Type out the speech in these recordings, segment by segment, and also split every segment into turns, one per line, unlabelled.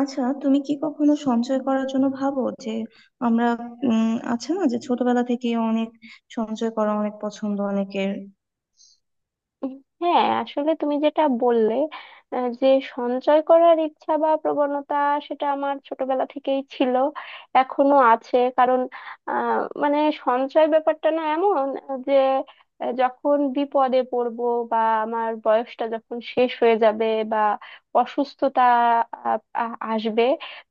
আচ্ছা, তুমি কি কখনো সঞ্চয় করার জন্য ভাবো যে আমরা আছে না, যে ছোটবেলা থেকে অনেক সঞ্চয় করা অনেক পছন্দ অনেকের?
উম, হ্যাঁ আসলে তুমি যেটা বললে যে সঞ্চয় করার ইচ্ছা বা প্রবণতা সেটা আমার ছোটবেলা থেকেই ছিল এখনো আছে কারণ মানে সঞ্চয় ব্যাপারটা না এমন যে যখন বিপদে পড়বো বা আমার বয়সটা যখন শেষ হয়ে যাবে বা অসুস্থতা আসবে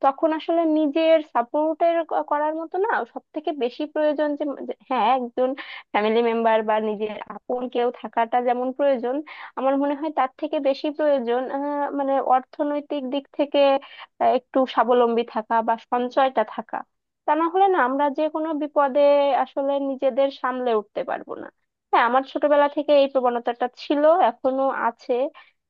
তখন আসলে নিজের সাপোর্টের করার মতো না সব থেকে বেশি প্রয়োজন যে যে- হ্যাঁ একজন ফ্যামিলি মেম্বার বা নিজের আপন কেউ থাকাটা যেমন প্রয়োজন আমার মনে হয় তার থেকে বেশি প্রয়োজন মানে অর্থনৈতিক দিক থেকে একটু স্বাবলম্বী থাকা বা সঞ্চয়টা থাকা, তা না হলে না আমরা যে কোনো বিপদে আসলে নিজেদের সামলে উঠতে পারবো না। হ্যাঁ আমার ছোটবেলা থেকে এই প্রবণতাটা ছিল এখনো আছে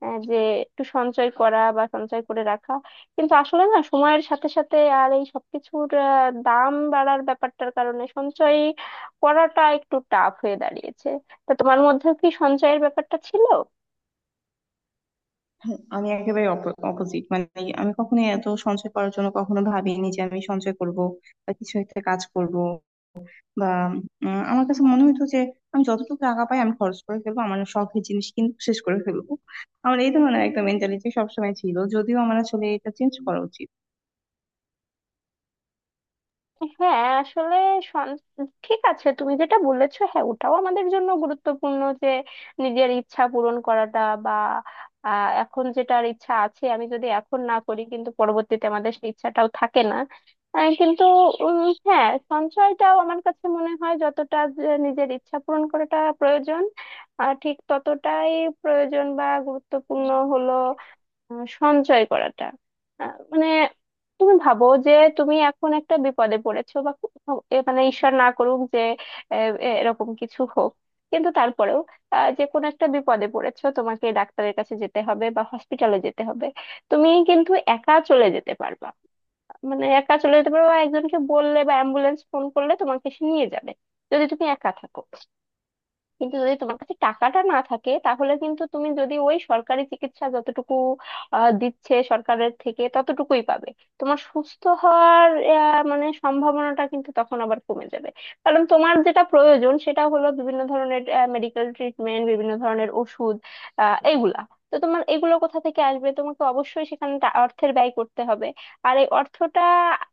যে একটু সঞ্চয় করা বা সঞ্চয় করে রাখা, কিন্তু আসলে না সময়ের সাথে সাথে আর এই সবকিছুর দাম বাড়ার ব্যাপারটার কারণে সঞ্চয় পড়াটা একটু টাফ হয়ে দাঁড়িয়েছে। তা তোমার মধ্যেও কি সঞ্চয়ের ব্যাপারটা ছিল?
হুম, আমি একেবারে অপোজিট। মানে আমি কখনো এত সঞ্চয় করার জন্য কখনো ভাবিনি যে আমি সঞ্চয় করব, বা কিছু একটা কাজ করব, বা আমার কাছে মনে হতো যে আমি যতটুকু টাকা পাই, আমি খরচ করে ফেলবো, আমার শখের জিনিস কিন্তু শেষ করে ফেলবো। আমার এই ধরনের একটা মেন্টালিটি সবসময় ছিল, যদিও আমার আসলে এটা চেঞ্জ করা উচিত।
হ্যাঁ আসলে সন- ঠিক আছে, তুমি যেটা বলেছো হ্যাঁ ওটাও আমাদের জন্য গুরুত্বপূর্ণ যে নিজের ইচ্ছা পূরণ করাটা বা এখন যেটার ইচ্ছা আছে আমি যদি এখন না করি কিন্তু পরবর্তীতে আমাদের সেই ইচ্ছাটাও থাকে না কিন্তু উম, হ্যাঁ সঞ্চয়টাও আমার কাছে মনে হয় যতটা যে নিজের ইচ্ছা পূরণ করাটা প্রয়োজন ঠিক ততটাই প্রয়োজন বা গুরুত্বপূর্ণ হলো সঞ্চয় করাটা। মানে তুমি ভাবো যে তুমি এখন একটা বিপদে পড়েছো বা এ মানে ঈশ্বর না করুক যে আহ, এরকম কিছু হোক, কিন্তু তারপরেও যে কোনো একটা বিপদে পড়েছো, তোমাকে ডাক্তারের কাছে যেতে হবে বা হসপিটালে যেতে হবে, তুমি কিন্তু একা চলে যেতে পারবা, মানে একা চলে যেতে পারবা বা একজনকে বললে বা অ্যাম্বুলেন্স ফোন করলে তোমাকে সে নিয়ে যাবে যদি তুমি একা থাকো। কিন্তু যদি তোমার কাছে টাকাটা না থাকে তাহলে কিন্তু তুমি, যদি ওই সরকারি চিকিৎসা যতটুকু দিচ্ছে সরকারের থেকে ততটুকুই পাবে। তোমার সুস্থ হওয়ার মানে সম্ভাবনাটা কিন্তু তখন আবার কমে যাবে, কারণ তোমার যেটা প্রয়োজন সেটা হলো বিভিন্ন ধরনের মেডিকেল ট্রিটমেন্ট, বিভিন্ন ধরনের ওষুধ এইগুলা। তো তোমার এগুলো কোথা থেকে আসবে, তোমাকে অবশ্যই সেখানে অর্থের ব্যয় করতে হবে। আর এই অর্থটা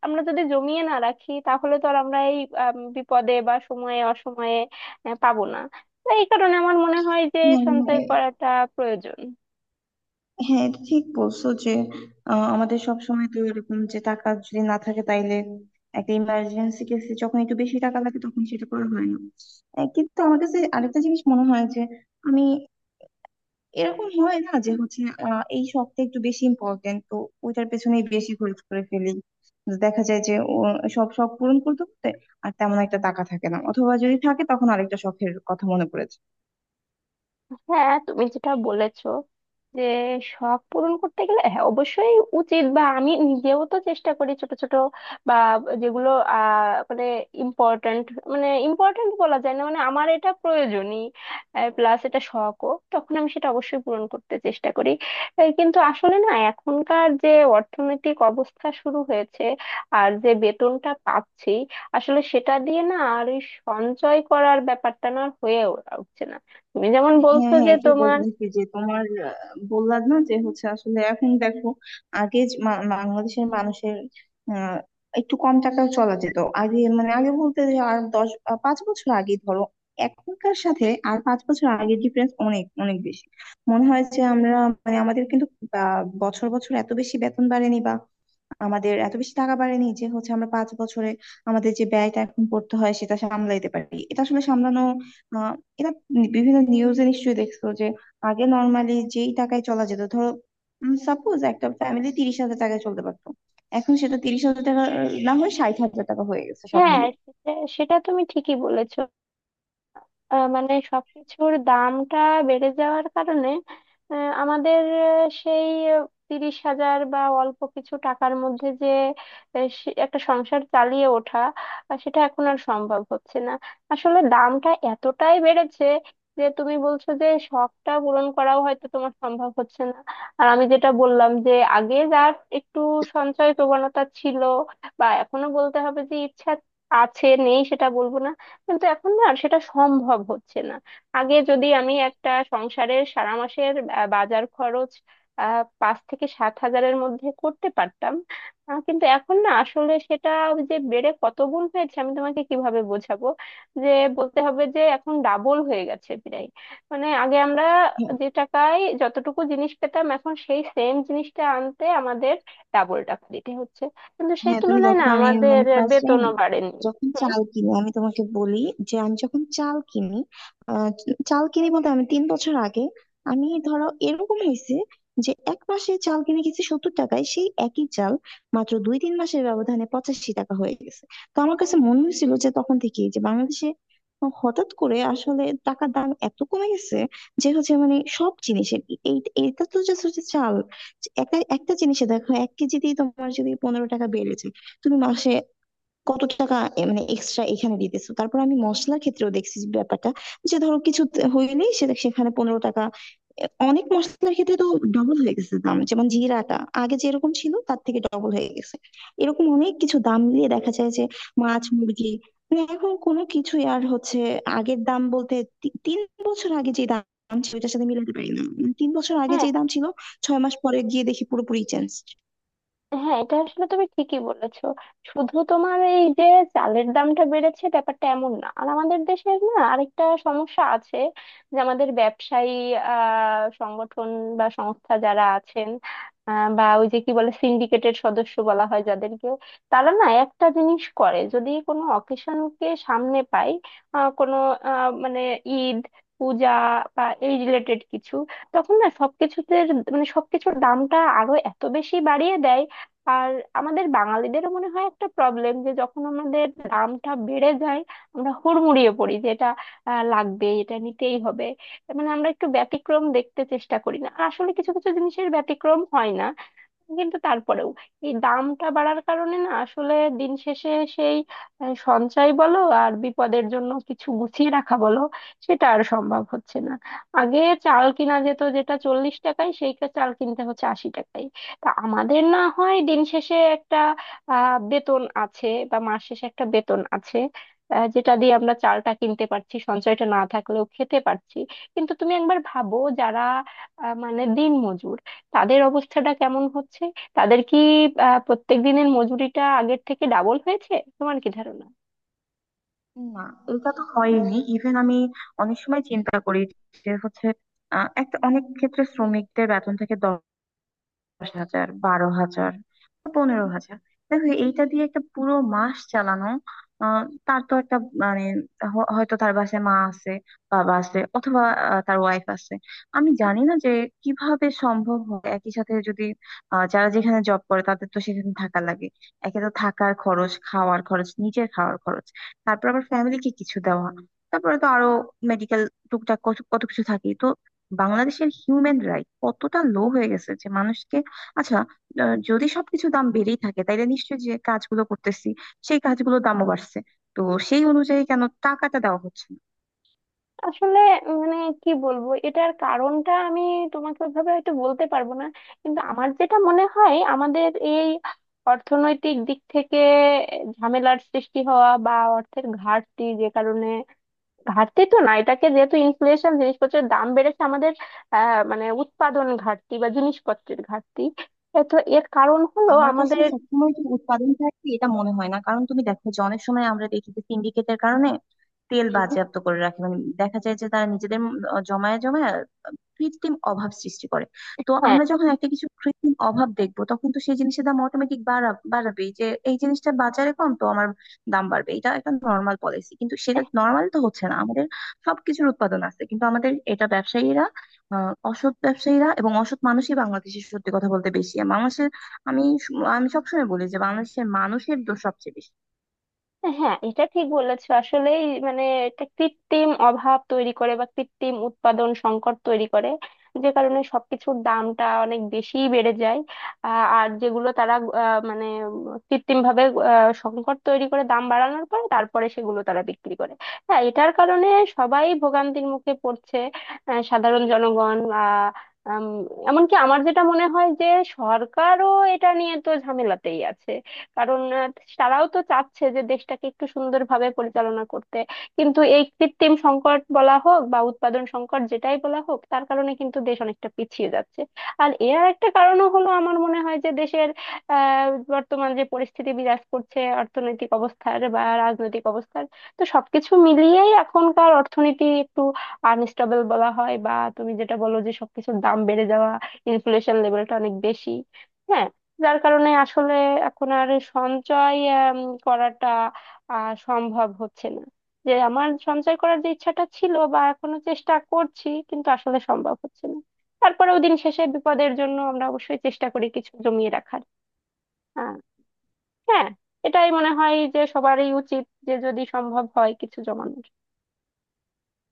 আমরা যদি জমিয়ে না রাখি তাহলে তো আর আমরা এই বিপদে বা সময়ে অসময়ে পাবো না। তো এই কারণে আমার মনে হয় যে সঞ্চয়
হ্যাঁ,
করাটা প্রয়োজন।
হ্যাঁ, এটা ঠিক বলছো যে আমাদের সব সময় তো এরকম, যে টাকা যদি না থাকে তাইলে একটা ইমার্জেন্সি কেসে যখন একটু বেশি টাকা লাগে তখন সেটা করা হয় না। কিন্তু আমার কাছে আরেকটা জিনিস মনে হয় যে আমি এরকম হয় না যে হচ্ছে এই শখটা একটু বেশি ইম্পর্টেন্ট তো ওইটার পেছনেই বেশি খরচ করে ফেলি। দেখা যায় যে ও সব শখ পূরণ করতে করতে আর তেমন একটা টাকা থাকে না, অথবা যদি থাকে তখন আরেকটা শখের কথা মনে পড়ে যায়।
হ্যাঁ তুমি যেটা বলেছো যে শখ পূরণ করতে গেলে, হ্যাঁ অবশ্যই উচিত, বা আমি নিজেও তো চেষ্টা করি ছোট ছোট বা যেগুলো মানে ইম্পর্ট্যান্ট, মানে ইম্পর্ট্যান্ট বলা যায় না, মানে আমার এটা প্রয়োজনই প্লাস এটা শখও, তখন আমি সেটা অবশ্যই পূরণ করতে চেষ্টা করি। এই কিন্তু আসলে না এখনকার যে অর্থনৈতিক অবস্থা শুরু হয়েছে আর যে বেতনটা পাচ্ছি, আসলে সেটা দিয়ে না আর ওই সঞ্চয় করার ব্যাপারটা না আর হয়ে উঠছে না। তুমি যেমন
হ্যাঁ,
বলছো
হ্যাঁ,
যে
এটাই
তোমার,
বলতেছি যে তোমার আহ, বললাম না যে হচ্ছে আসলে এখন দেখো, আগে যে বাংলাদেশের মানুষের আহ, একটু কম টাকাও চলা যেত। আগে মানে আগে বলতে যে আর 10 5 বছর আগে ধরো, এখনকার সাথে আর 5 বছর আগের ডিফারেন্স অনেক অনেক বেশি। মনে হয় যে আমরা, মানে আমাদের কিন্তু বছর বছর এত বেশি বেতন বাড়েনি, বা আমাদের এত বেশি টাকা বাড়েনি যে হচ্ছে আমরা 5 বছরে আমাদের যে ব্যয়টা এখন করতে হয় সেটা সামলাইতে পারি। এটা আসলে সামলানো, আহ এটা বিভিন্ন নিউজে নিশ্চয়ই দেখছো যে আগে নর্মালি যেই টাকায় চলা যেত, ধরো সাপোজ একটা ফ্যামিলি 30,000 টাকায় চলতে পারতো, এখন সেটা 30,000 টাকা না হয়ে 60,000 টাকা হয়ে গেছে সব
হ্যাঁ
মিলিয়ে।
সেটা, সেটা তুমি ঠিকই বলেছো। মানে সবকিছুর দামটা বেড়ে যাওয়ার কারণে আমাদের সেই 30,000 বা অল্প কিছু টাকার মধ্যে যে একটা সংসার চালিয়ে ওঠা সেটা এখন আর সম্ভব হচ্ছে না। আসলে দামটা এতটাই বেড়েছে যে তুমি বলছো যে শখটা পূরণ করাও হয়তো তোমার সম্ভব হচ্ছে না। আর আমি যেটা বললাম যে আগে যার একটু সঞ্চয় প্রবণতা ছিল বা এখনো, বলতে হবে যে ইচ্ছা আছে, নেই সেটা বলবো না, কিন্তু এখন না আর সেটা সম্ভব হচ্ছে না। আগে যদি আমি একটা সংসারের সারা মাসের বাজার খরচ 5 থেকে 7 হাজারের মধ্যে করতে পারতাম কিন্তু এখন না আসলে সেটা, ওই যে বেড়ে কত গুণ হয়েছে আমি তোমাকে কিভাবে বোঝাবো, যে বলতে হবে যে এখন ডাবল হয়ে গেছে প্রায়। মানে আগে আমরা যে টাকায় যতটুকু জিনিস পেতাম এখন সেই সেম জিনিসটা আনতে আমাদের ডাবল টাকা দিতে হচ্ছে, কিন্তু সেই
হ্যাঁ, তুমি
তুলনায় না
দেখো, আমি
আমাদের
মানে ফার্স্ট টাইম
বেতনও বাড়েনি।
যখন
হুম,
চাল কিনি, আমি তোমাকে বলি যে আমি যখন চাল কিনি, আহ, চাল কিনি বলতে আমি 3 বছর আগে, আমি ধরো এরকম হয়েছে যে এক মাসে চাল কিনে গেছি 70 টাকায়, সেই একই চাল মাত্র 2-3 মাসের ব্যবধানে 85 টাকা হয়ে গেছে। তো আমার কাছে মনে হয়েছিল যে তখন থেকে যে বাংলাদেশে হঠাৎ করে আসলে টাকার দাম এত কমে গেছে যে হচ্ছে মানে সব জিনিসের এই, এটা তো just হচ্ছে চাল। একটা একটা জিনিসে দেখো, এক কেজিতেই তোমার যদি 15 টাকা বেড়ে যায়, তুমি মাসে কত টাকা মানে এক্সট্রা এখানে দিতেছো। তারপর আমি মশলার ক্ষেত্রেও দেখছি যে ব্যাপারটা, যে ধরো কিছু হইলেই সেটা সেখানে 15 টাকা। অনেক মশলার ক্ষেত্রে তো ডবল হয়ে গেছে দাম, যেমন জিরাটা আগে যেরকম ছিল তার থেকে ডবল হয়ে গেছে। এরকম অনেক কিছু দাম মিলিয়ে দেখা যায় যে মাছ, মুরগি, মানে এখন কোনো কিছুই আর হচ্ছে আগের দাম বলতে 3 বছর আগে যে দাম ছিল ওইটার সাথে মিলাতে পারি না। মানে 3 বছর আগে
হ্যাঁ,
যে দাম ছিল, 6 মাস পরে গিয়ে দেখি পুরোপুরি চেঞ্জ।
হ্যাঁ এটা আসলে তুমি ঠিকই বলেছো। শুধু তোমার এই যে চালের দামটা বেড়েছে ব্যাপারটা এমন না, আর আমাদের দেশের না আরেকটা সমস্যা আছে যে আমাদের ব্যবসায়ী সংগঠন বা সংস্থা যারা আছেন বা ওই যে কি বলে সিন্ডিকেটের সদস্য বলা হয় যাদেরকে, তারা না একটা জিনিস করে যদি কোনো অকেশনকে সামনে পায় কোনো মানে ঈদ, পূজা বা এই রিলেটেড কিছু, তখন না সবকিছুতে মানে সবকিছুর দামটা আরো এত বেশি বাড়িয়ে দেয়। আর আমাদের বাঙালিদেরও মনে হয় একটা প্রবলেম যে যখন আমাদের দামটা বেড়ে যায় আমরা হুড়মুড়িয়ে পড়ি যে এটা লাগবে, এটা নিতেই হবে, মানে আমরা একটু ব্যতিক্রম দেখতে চেষ্টা করি না, আর আসলে কিছু কিছু জিনিসের ব্যতিক্রম হয় না। কিন্তু তারপরেও এই দামটা বাড়ার কারণে না আসলে দিন শেষে সেই সঞ্চয় বলো আর বিপদের জন্য কিছু গুছিয়ে রাখা বলো, সেটা আর সম্ভব হচ্ছে না। আগে চাল কিনা যেত যেটা 40 টাকায় সেই চাল কিনতে হচ্ছে 80 টাকায়। তা আমাদের না হয় দিন শেষে একটা বেতন আছে বা মাস শেষে একটা বেতন আছে যেটা দিয়ে আমরা চালটা কিনতে পারছি, সঞ্চয়টা না থাকলেও খেতে পারছি। কিন্তু তুমি একবার ভাবো যারা মানে দিনমজুর, তাদের অবস্থাটা কেমন হচ্ছে? তাদের কি প্রত্যেক দিনের মজুরিটা আগের থেকে ডাবল হয়েছে, তোমার কি ধারণা?
না, এটা তো হয়নি। ইভেন আমি অনেক সময় চিন্তা করি যে হচ্ছে একটা অনেক ক্ষেত্রে শ্রমিকদের বেতন থেকে 10,000, 12,000, বা 15,000, দেখো এইটা দিয়ে একটা পুরো মাস চালানো, আহ, তার তো একটা মানে হয়তো তার বাসায় মা আছে, বাবা আছে, অথবা তার ওয়াইফ আছে। আমি জানি না যে কিভাবে সম্ভব হয় একই সাথে যদি যারা যেখানে জব করে তাদের তো সেখানে থাকা লাগে। একে তো থাকার খরচ, খাওয়ার খরচ, নিজের খাওয়ার খরচ, তারপর আবার ফ্যামিলিকে কিছু দেওয়া, তারপরে তো আরো মেডিকেল, টুকটাক কত কত কিছু থাকে তো। বাংলাদেশের হিউম্যান রাইট কতটা লো হয়ে গেছে যে মানুষকে, আচ্ছা, যদি সবকিছু দাম বেড়েই থাকে তাইলে নিশ্চয়ই যে কাজগুলো করতেছি সেই কাজগুলোর দামও বাড়ছে, তো সেই অনুযায়ী কেন টাকাটা দেওয়া হচ্ছে না?
আসলে মানে কি বলবো, এটার কারণটা আমি তোমাকে ওইভাবে হয়তো বলতে পারবো না, কিন্তু আমার যেটা মনে হয় আমাদের এই অর্থনৈতিক দিক থেকে ঝামেলার সৃষ্টি হওয়া বা অর্থের ঘাটতি যে কারণে, ঘাটতি তো না এটাকে, যেহেতু ইনফ্লেশন জিনিসপত্রের দাম বেড়েছে আমাদের, মানে উৎপাদন ঘাটতি বা জিনিসপত্রের ঘাটতি এ তো, এর কারণ হলো
আমার কাছে
আমাদের,
সবসময় যে উৎপাদন ঘাটতি এটা মনে হয় না, কারণ তুমি দেখো যে অনেক সময় আমরা দেখি যে সিন্ডিকেটের কারণে তেল বাজেয়াপ্ত করে রাখে, মানে দেখা যায় যে তারা নিজেদের জমায় জমায় কৃত্রিম অভাব সৃষ্টি করে। তো
হ্যাঁ
আমরা যখন একটা কিছু কৃত্রিম অভাব দেখবো তখন তো সেই জিনিসের দাম অটোমেটিক বাড়াবেই, যে এই জিনিসটা বাজারে কম তো আমার দাম বাড়বে। এটা একটা নর্মাল পলিসি, কিন্তু সেটা নর্মাল তো হচ্ছে না, আমাদের সবকিছুর উৎপাদন আছে, কিন্তু আমাদের এটা ব্যবসায়ীরা, অসৎ ব্যবসায়ীরা, এবং অসৎ মানুষই বাংলাদেশে সত্যি কথা বলতে বেশি, আর মানুষের, আমি আমি সবসময় বলি যে বাংলাদেশের মানুষের দোষ সবচেয়ে বেশি।
হ্যাঁ এটা ঠিক বলেছো আসলেই, মানে এটা কৃত্রিম অভাব তৈরি করে বা কৃত্রিম উৎপাদন সংকট তৈরি করে, যে কারণে সবকিছুর দামটা অনেক বেশি বেড়ে যায়। আর যেগুলো তারা মানে কৃত্রিম ভাবে সংকট তৈরি করে দাম বাড়ানোর পরে তারপরে সেগুলো তারা বিক্রি করে। হ্যাঁ এটার কারণে সবাই ভোগান্তির মুখে পড়ছে, সাধারণ জনগণ। উম, এমনকি আমার যেটা মনে হয় যে সরকারও এটা নিয়ে তো ঝামেলাতেই আছে, কারণ তারাও তো চাচ্ছে যে দেশটাকে একটু সুন্দরভাবে পরিচালনা করতে, কিন্তু এই কৃত্রিম সংকট বলা হোক বা উৎপাদন সংকট যেটাই বলা হোক তার কারণে কিন্তু দেশ অনেকটা পিছিয়ে যাচ্ছে। আর এর একটা কারণও হলো আমার মনে হয় যে দেশের আহ বর্তমান যে পরিস্থিতি বিরাজ করছে অর্থনৈতিক অবস্থার বা রাজনৈতিক অবস্থার, তো সবকিছু মিলিয়েই এখনকার অর্থনীতি একটু আনস্টেবল বলা হয়, বা তুমি যেটা বলো যে সবকিছুর দাম বেড়ে যাওয়া, ইনফ্লেশন লেভেলটা অনেক বেশি। হ্যাঁ, যার কারণে আসলে এখন আর সঞ্চয় উম, করাটা সম্ভব হচ্ছে না, যে আমার সঞ্চয় করার যে ইচ্ছাটা ছিল বা এখনো চেষ্টা করছি কিন্তু আসলে সম্ভব হচ্ছে না। তারপরেও দিন শেষে বিপদের জন্য আমরা অবশ্যই চেষ্টা করি কিছু জমিয়ে রাখার। আহ, হ্যাঁ এটাই মনে হয় যে সবারই উচিত যে যদি সম্ভব হয় কিছু জমানো।